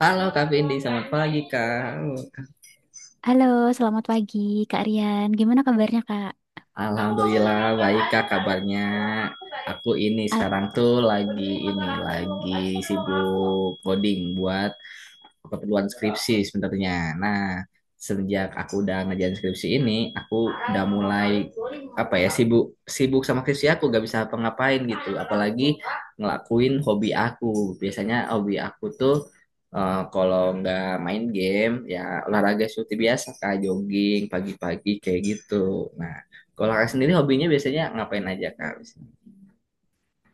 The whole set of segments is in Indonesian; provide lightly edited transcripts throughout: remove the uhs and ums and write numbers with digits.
Halo Kak Vindi, selamat pagi Kak. Halo, selamat pagi Kak Rian. Gimana kabarnya Kak? Alhamdulillah baik Kak kabarnya. Aku ini Al- sekarang tuh lagi sibuk coding buat keperluan skripsi sebenarnya. Nah, sejak aku udah ngerjain skripsi ini, aku udah mulai apa ya sibuk sibuk sama skripsi aku gak bisa apa-ngapain gitu. Apalagi ngelakuin hobi aku. Biasanya hobi aku tuh kalau nggak main game ya olahraga seperti biasa kayak jogging pagi-pagi kayak gitu. Nah, kalau kakak sendiri hobinya biasanya ngapain aja kak?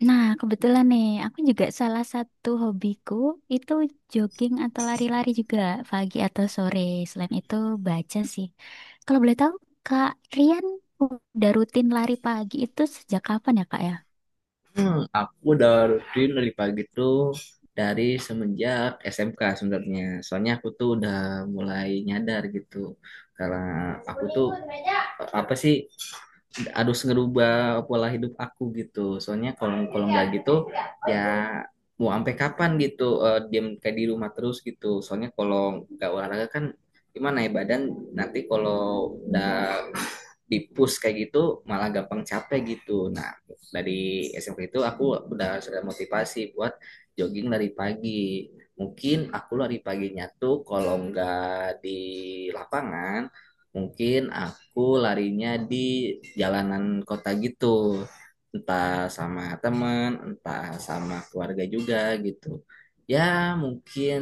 Nah, kebetulan nih, aku juga salah satu hobiku itu jogging atau lari-lari juga pagi atau sore. Selain itu baca sih. Kalau boleh tahu, Kak Rian udah rutin lari pagi itu sejak kapan ya Kak ya? Aku udah rutin dari pagi tuh dari semenjak SMK sebenarnya. Soalnya aku tuh udah mulai nyadar gitu. Karena aku tuh apa sih harus ngerubah pola hidup aku gitu. Soalnya kalau kalau nggak gitu ya mau sampai kapan gitu diam kayak di rumah terus gitu, soalnya kalau nggak olahraga kan gimana ya badan nanti kalau udah dipus kayak gitu malah gampang capek gitu. Nah, dari SMP itu aku udah motivasi buat jogging dari pagi. Mungkin aku lari paginya tuh kalau nggak di lapangan, mungkin aku larinya di jalanan kota gitu, entah sama teman, entah sama keluarga juga gitu. Ya mungkin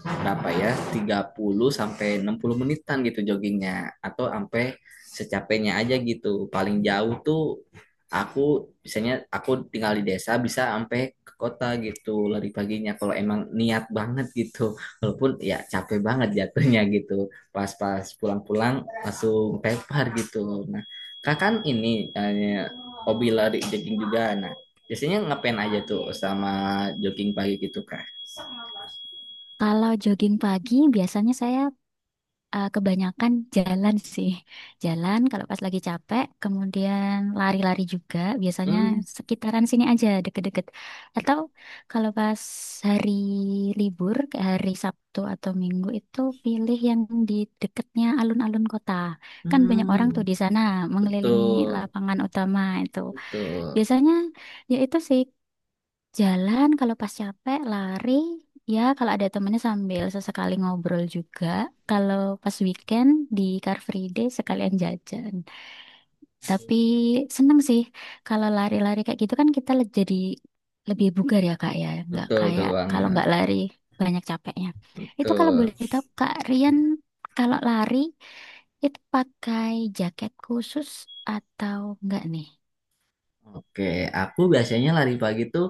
berapa ya 30 sampai 60 menitan gitu joggingnya, atau sampai secapeknya aja gitu. Paling jauh tuh aku biasanya aku tinggal di desa bisa sampai ke kota gitu lari paginya kalau emang niat banget gitu, walaupun ya capek banget jatuhnya gitu, pas-pas pulang-pulang langsung tepar gitu. Nah, kak kan ini eh, hobi lari jogging juga. Nah, biasanya ngapain aja tuh sama jogging pagi gitu kak? Kalau jogging pagi biasanya saya, kebanyakan jalan sih. Jalan kalau pas lagi capek, kemudian lari-lari juga. Biasanya Hmm. sekitaran sini aja, deket-deket. Atau kalau pas hari libur, kayak hari Sabtu atau Minggu itu pilih yang di deketnya alun-alun kota. Kan banyak orang tuh Hmm. di sana mengelilingi Betul, lapangan utama itu. betul, Biasanya ya itu sih, jalan kalau pas capek, lari. Ya, kalau ada temennya sambil sesekali ngobrol juga. Kalau pas weekend di Car Free Day sekalian jajan. Tapi seneng sih kalau lari-lari kayak gitu kan kita jadi lebih bugar ya Kak ya. Nggak betul, betul kayak kalau banget, nggak lari banyak capeknya. Itu kalau betul. boleh tahu Kak Rian, kalau lari itu pakai jaket khusus atau enggak nih? Oke, aku biasanya lari pagi tuh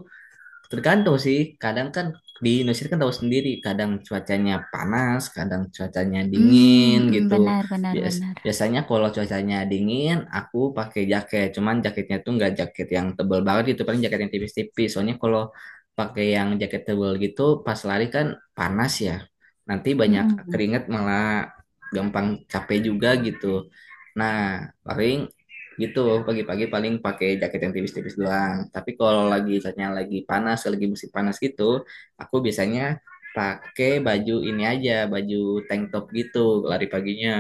tergantung sih, kadang kan di Indonesia kan tahu sendiri, kadang cuacanya panas, kadang cuacanya dingin Hmm, hmm, hmm, gitu. benar benar Bias benar. biasanya kalau cuacanya dingin, aku pakai jaket. Cuman jaketnya tuh nggak jaket yang tebel banget gitu, paling jaket yang tipis-tipis. Soalnya kalau pakai yang jaket tebel gitu, pas lari kan panas ya. Nanti banyak Mm-mm. keringat malah gampang capek juga gitu. Nah, paling gitu pagi-pagi paling pakai jaket yang tipis-tipis doang, tapi kalau lagi misalnya lagi panas lagi musim panas gitu aku biasanya pakai baju ini aja, baju tank top gitu lari paginya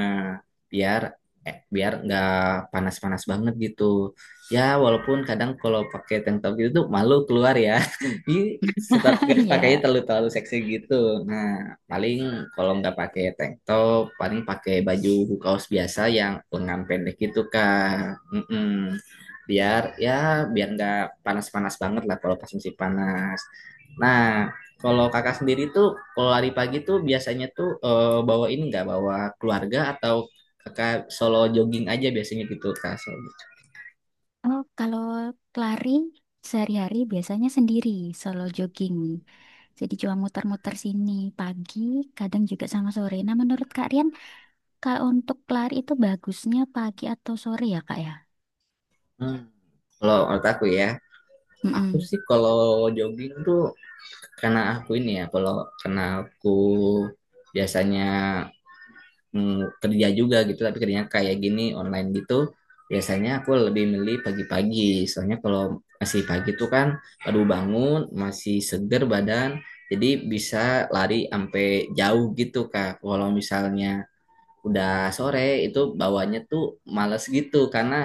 biar biar nggak panas-panas banget gitu. Ya walaupun kadang kalau pakai tank top gitu tuh malu keluar ya. Ini tetap pakainya Iya. terlalu terlalu seksi gitu. Nah, paling kalau nggak pakai tank top, paling pakai baju kaos biasa yang lengan pendek gitu Kak. Mm-mm. Biar ya biar nggak panas-panas banget lah kalau pas musim panas. Nah, kalau kakak sendiri tuh kalau lari pagi tuh biasanya tuh bawa ini nggak, bawa keluarga atau kakak solo jogging aja biasanya gitu Kak? Oh, kalau lari sehari-hari biasanya sendiri, solo jogging. Jadi cuma muter-muter sini pagi, kadang juga sama sore. Nah, menurut Kak Rian, kalau untuk lari itu bagusnya pagi atau sore ya, Kak ya? Hmm. Kalau menurut aku ya, aku Mm-mm. sih kalau jogging tuh karena aku ini ya kalau karena aku biasanya kerja juga gitu, tapi kerjanya kayak gini online gitu. Biasanya aku lebih milih pagi-pagi, soalnya kalau masih pagi tuh kan baru bangun, masih seger badan, jadi bisa lari sampai jauh gitu Kak. Kalau misalnya udah sore itu bawanya tuh males gitu karena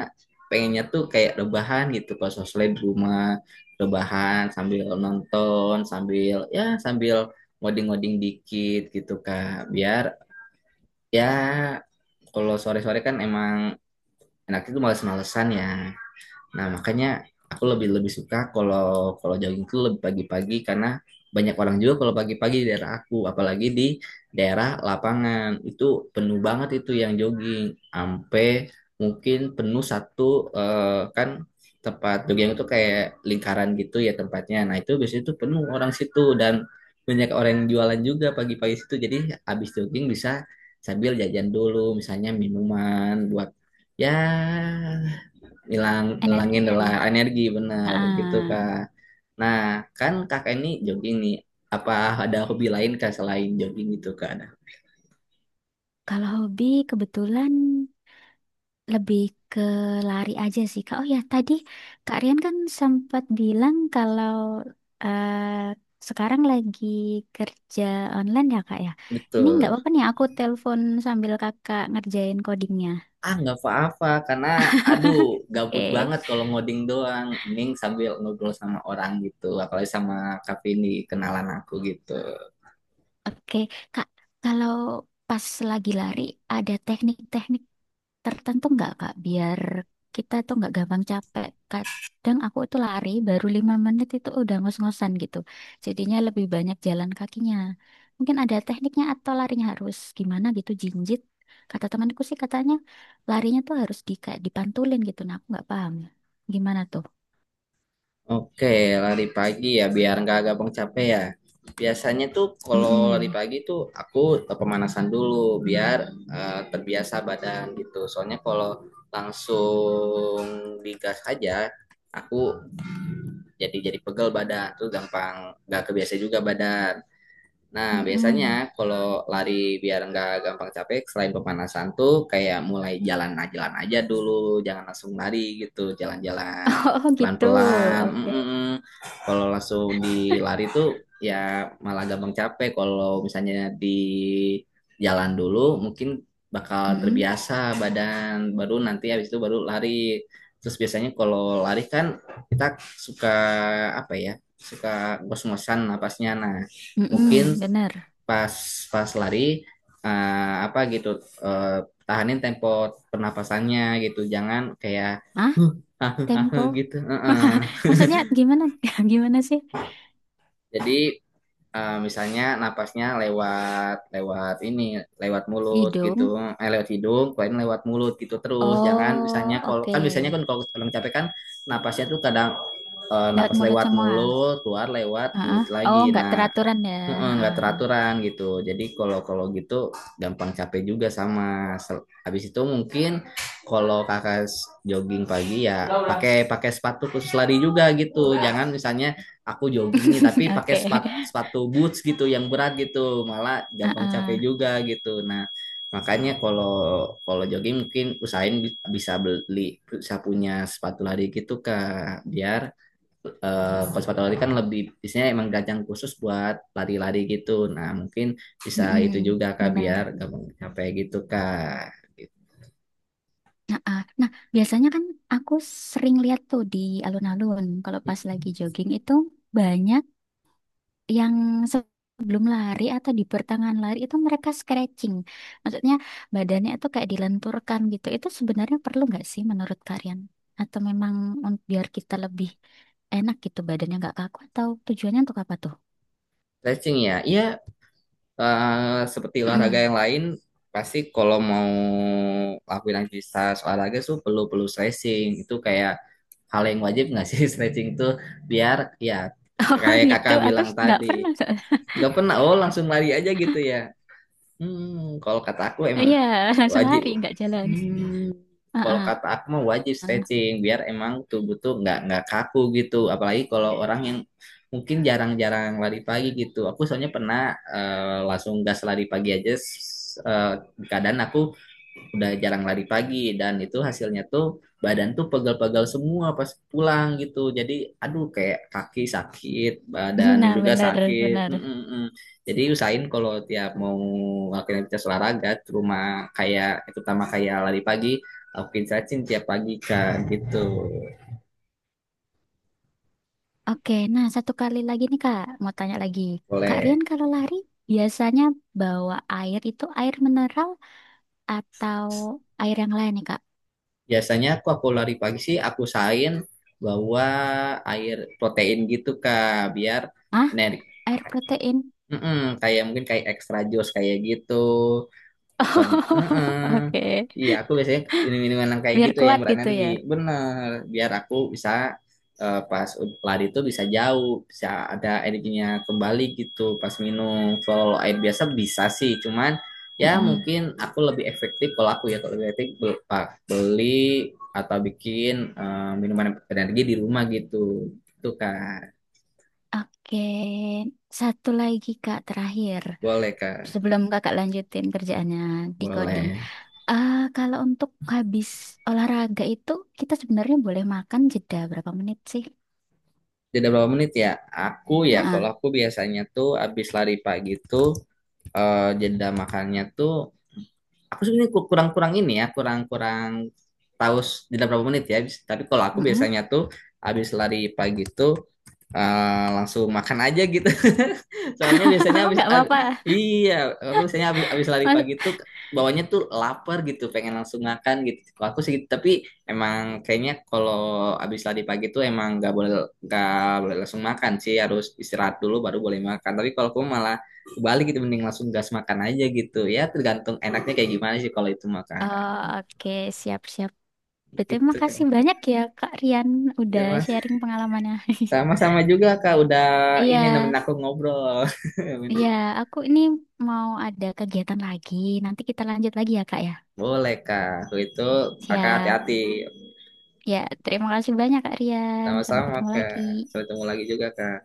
pengennya tuh kayak rebahan gitu kalau sosmed di rumah, rebahan sambil nonton sambil ya sambil ngoding-ngoding dikit gitu Kak. Biar ya kalau sore-sore kan emang enak itu males-malesan ya. Nah, makanya aku lebih lebih suka kalau kalau jogging itu lebih pagi-pagi karena banyak orang juga kalau pagi-pagi di daerah aku, apalagi di daerah lapangan. Itu penuh banget itu yang jogging. Sampai mungkin penuh satu kan tempat jogging itu kayak lingkaran gitu ya tempatnya. Nah, itu biasanya itu penuh orang situ dan banyak orang yang jualan juga pagi-pagi situ. Jadi habis jogging bisa sambil jajan dulu misalnya minuman buat ya hilangin Energinya. lelah energi benar gitu Ah, kak. Nah, kan kakak ini jogging nih, apa ada hobi lain kak selain jogging gitu kak, ada? kalau hobi kebetulan lebih ke lari aja sih Kak. Oh ya, tadi Kak Rian kan sempat bilang kalau eh, sekarang lagi kerja online ya Kak ya. Ini nggak Betul. apa-apa nih aku telepon sambil Kakak ngerjain codingnya. Ah, nggak apa-apa karena aduh gabut Oke. banget kalau ngoding doang, mending sambil ngobrol sama orang gitu, apalagi sama kak ini, kenalan aku gitu. Oke, Kak, kalau pas lagi lari ada teknik-teknik tertentu nggak Kak, biar kita tuh nggak gampang capek. Kadang aku itu lari baru 5 menit itu udah ngos-ngosan gitu. Jadinya lebih banyak jalan kakinya. Mungkin ada tekniknya atau larinya harus gimana gitu, jinjit. Kata temanku sih katanya larinya tuh harus di kayak dipantulin gitu. Nah, aku nggak paham. Gimana tuh? Oke, lari pagi ya biar nggak gampang capek ya. Biasanya tuh kalau lari Mm-mm. pagi tuh aku pemanasan dulu biar terbiasa badan gitu. Soalnya kalau langsung digas aja aku jadi pegel badan tuh gampang nggak kebiasa juga badan. Nah, Mm-mm. biasanya kalau lari biar nggak gampang capek, selain pemanasan tuh kayak mulai jalan jalan aja dulu, jangan langsung lari gitu, jalan-jalan Oh gitu. pelan-pelan. Oke. Mm-mm. Kalau langsung di lari tuh ya malah gampang capek. Kalau misalnya di jalan dulu, mungkin bakal Mm-mm. terbiasa badan, baru nanti habis itu baru lari. Terus biasanya kalau lari kan kita suka apa ya? Suka ngos-ngosan napasnya. Nah, mungkin Mm-mm. Bener. pas pas lari eh, apa gitu eh, tahanin tempo pernapasannya gitu, jangan kayak Ah, huh, huh, huh, tempo. huh, gitu. Heeh. Maksudnya gimana? Gimana sih? Jadi misalnya napasnya lewat lewat ini lewat mulut Hidung. gitu, lewat hidung keluarin lewat mulut gitu. Terus jangan misalnya Oh, kalau oke. kan biasanya kan kalau orang capek kan napasnya tuh kadang Lewat napas mulut lewat semua. mulut keluar lewat Heeh. mulut lagi. Oh, nggak Nah, teraturan ya. heeh, nggak Heeh. teraturan gitu. Jadi kalau kalau gitu gampang capek juga sama. Habis itu mungkin kalau kakak jogging pagi ya pakai pakai sepatu khusus lari juga gitu. Jangan misalnya aku jogging nih tapi pakai Oke. sepatu sepatu boots gitu yang berat gitu, malah gampang Heeh. capek juga gitu. Nah, makanya kalau kalau jogging mungkin usahain bisa beli bisa punya sepatu lari gitu Kak, biar konservatori kan lebih biasanya emang gajang khusus buat lari-lari gitu. Nah, mungkin bisa itu Mm-mm. juga Kak biar Benar. gampang capek gitu Kak. Gitu. Heeh. Nah, biasanya kan aku sering lihat tuh di alun-alun kalau pas lagi jogging itu banyak yang sebelum lari atau di pertengahan lari itu mereka stretching. Maksudnya badannya itu kayak dilenturkan gitu. Itu sebenarnya perlu nggak sih menurut kalian? Atau memang biar kita lebih enak gitu badannya nggak kaku atau tujuannya untuk apa tuh? Stretching ya. Iya, seperti olahraga Mm-mm. yang lain pasti kalau mau lakuin aktivitas olahraga tuh perlu perlu stretching. Itu kayak hal yang wajib nggak sih stretching tuh biar ya Oh kayak gitu, Kakak aku bilang nggak tadi. pernah soalnya. Nggak pernah, oh langsung lari aja gitu ya. Hmm, kalau kata aku emang Iya, langsung lari wajib. nggak jalan. Hmm, kalau Heeh. kata aku mah wajib stretching biar emang tubuh tuh nggak kaku gitu. Apalagi kalau orang yang mungkin jarang-jarang lari pagi gitu. Aku soalnya pernah langsung gas lari pagi aja. Kadang aku udah jarang lari pagi dan itu hasilnya tuh badan tuh pegal-pegal semua pas pulang gitu. Jadi aduh kayak kaki sakit badan Nah, juga benar sakit. benar. Mm-mm-mm. Jadi usahain kalau tiap mau ngelakuin aktivitas olahraga cuma kayak terutama kayak lari pagi lakuin stretching tiap pagi kak gitu. Oke, nah satu kali lagi nih Kak, mau tanya lagi. Kak Boleh. Rian kalau lari biasanya bawa air itu air mineral atau air yang lain nih Kak? Biasanya aku lari pagi sih aku usahain bawa air protein gitu kak biar Ah, energi. air protein. Mm-mm, kayak mungkin kayak extra jus kayak gitu. Soalnya, Oh, heeh. oke, Iya, aku biasanya minum-minuman yang kayak biar gitu yang kuat gitu ya. berenergi. Bener, biar aku bisa pas lari tuh bisa jauh, bisa ada energinya kembali gitu pas minum. Kalau air biasa bisa sih, cuman ya Mm-mm. mungkin aku lebih efektif kalau aku ya kalau lebih efektif beli atau bikin minuman energi di rumah gitu. Itu Kak. Oke, satu lagi Kak terakhir. Boleh Kak. Sebelum Kakak lanjutin kerjaannya di coding. Boleh. Ah, kalau untuk habis olahraga itu kita sebenarnya boleh makan jeda berapa menit sih? Tidak berapa menit ya? Aku ya kalau Ah, aku biasanya tuh abis lari pagi tuh jeda makannya tuh aku sebenarnya kurang-kurang ini ya kurang-kurang tahu jeda berapa menit ya. Tapi kalau aku mm biasanya tuh habis lari pagi tuh langsung makan aja gitu. Soalnya biasanya Nggak apa-apa. iya, aku biasanya habis habis lari Mas- pagi tuh bawanya tuh lapar gitu, pengen langsung makan gitu. Kalau aku sih gitu, tapi emang kayaknya kalau habis lari pagi tuh emang nggak boleh langsung makan sih, harus istirahat dulu baru boleh makan. Tapi kalau aku malah kebalik gitu, mending langsung gas makan aja gitu. Ya tergantung enaknya kayak gimana sih kalau itu makan Oh, oke, siap-siap. Betul, gitu kan. makasih banyak ya Kak Rian udah Ya, Mas. sharing pengalamannya. Sama-sama juga Kak udah ini Iya. nemenin aku ngobrol. Iya, aku ini mau ada kegiatan lagi. Nanti kita lanjut lagi ya, Kak ya. Boleh, Kak. Kalau itu kakak Siap. hati-hati. Ya, terima kasih banyak, Kak Rian. Sampai Sama-sama, ketemu Kak. lagi. Sampai ketemu lagi juga, Kak.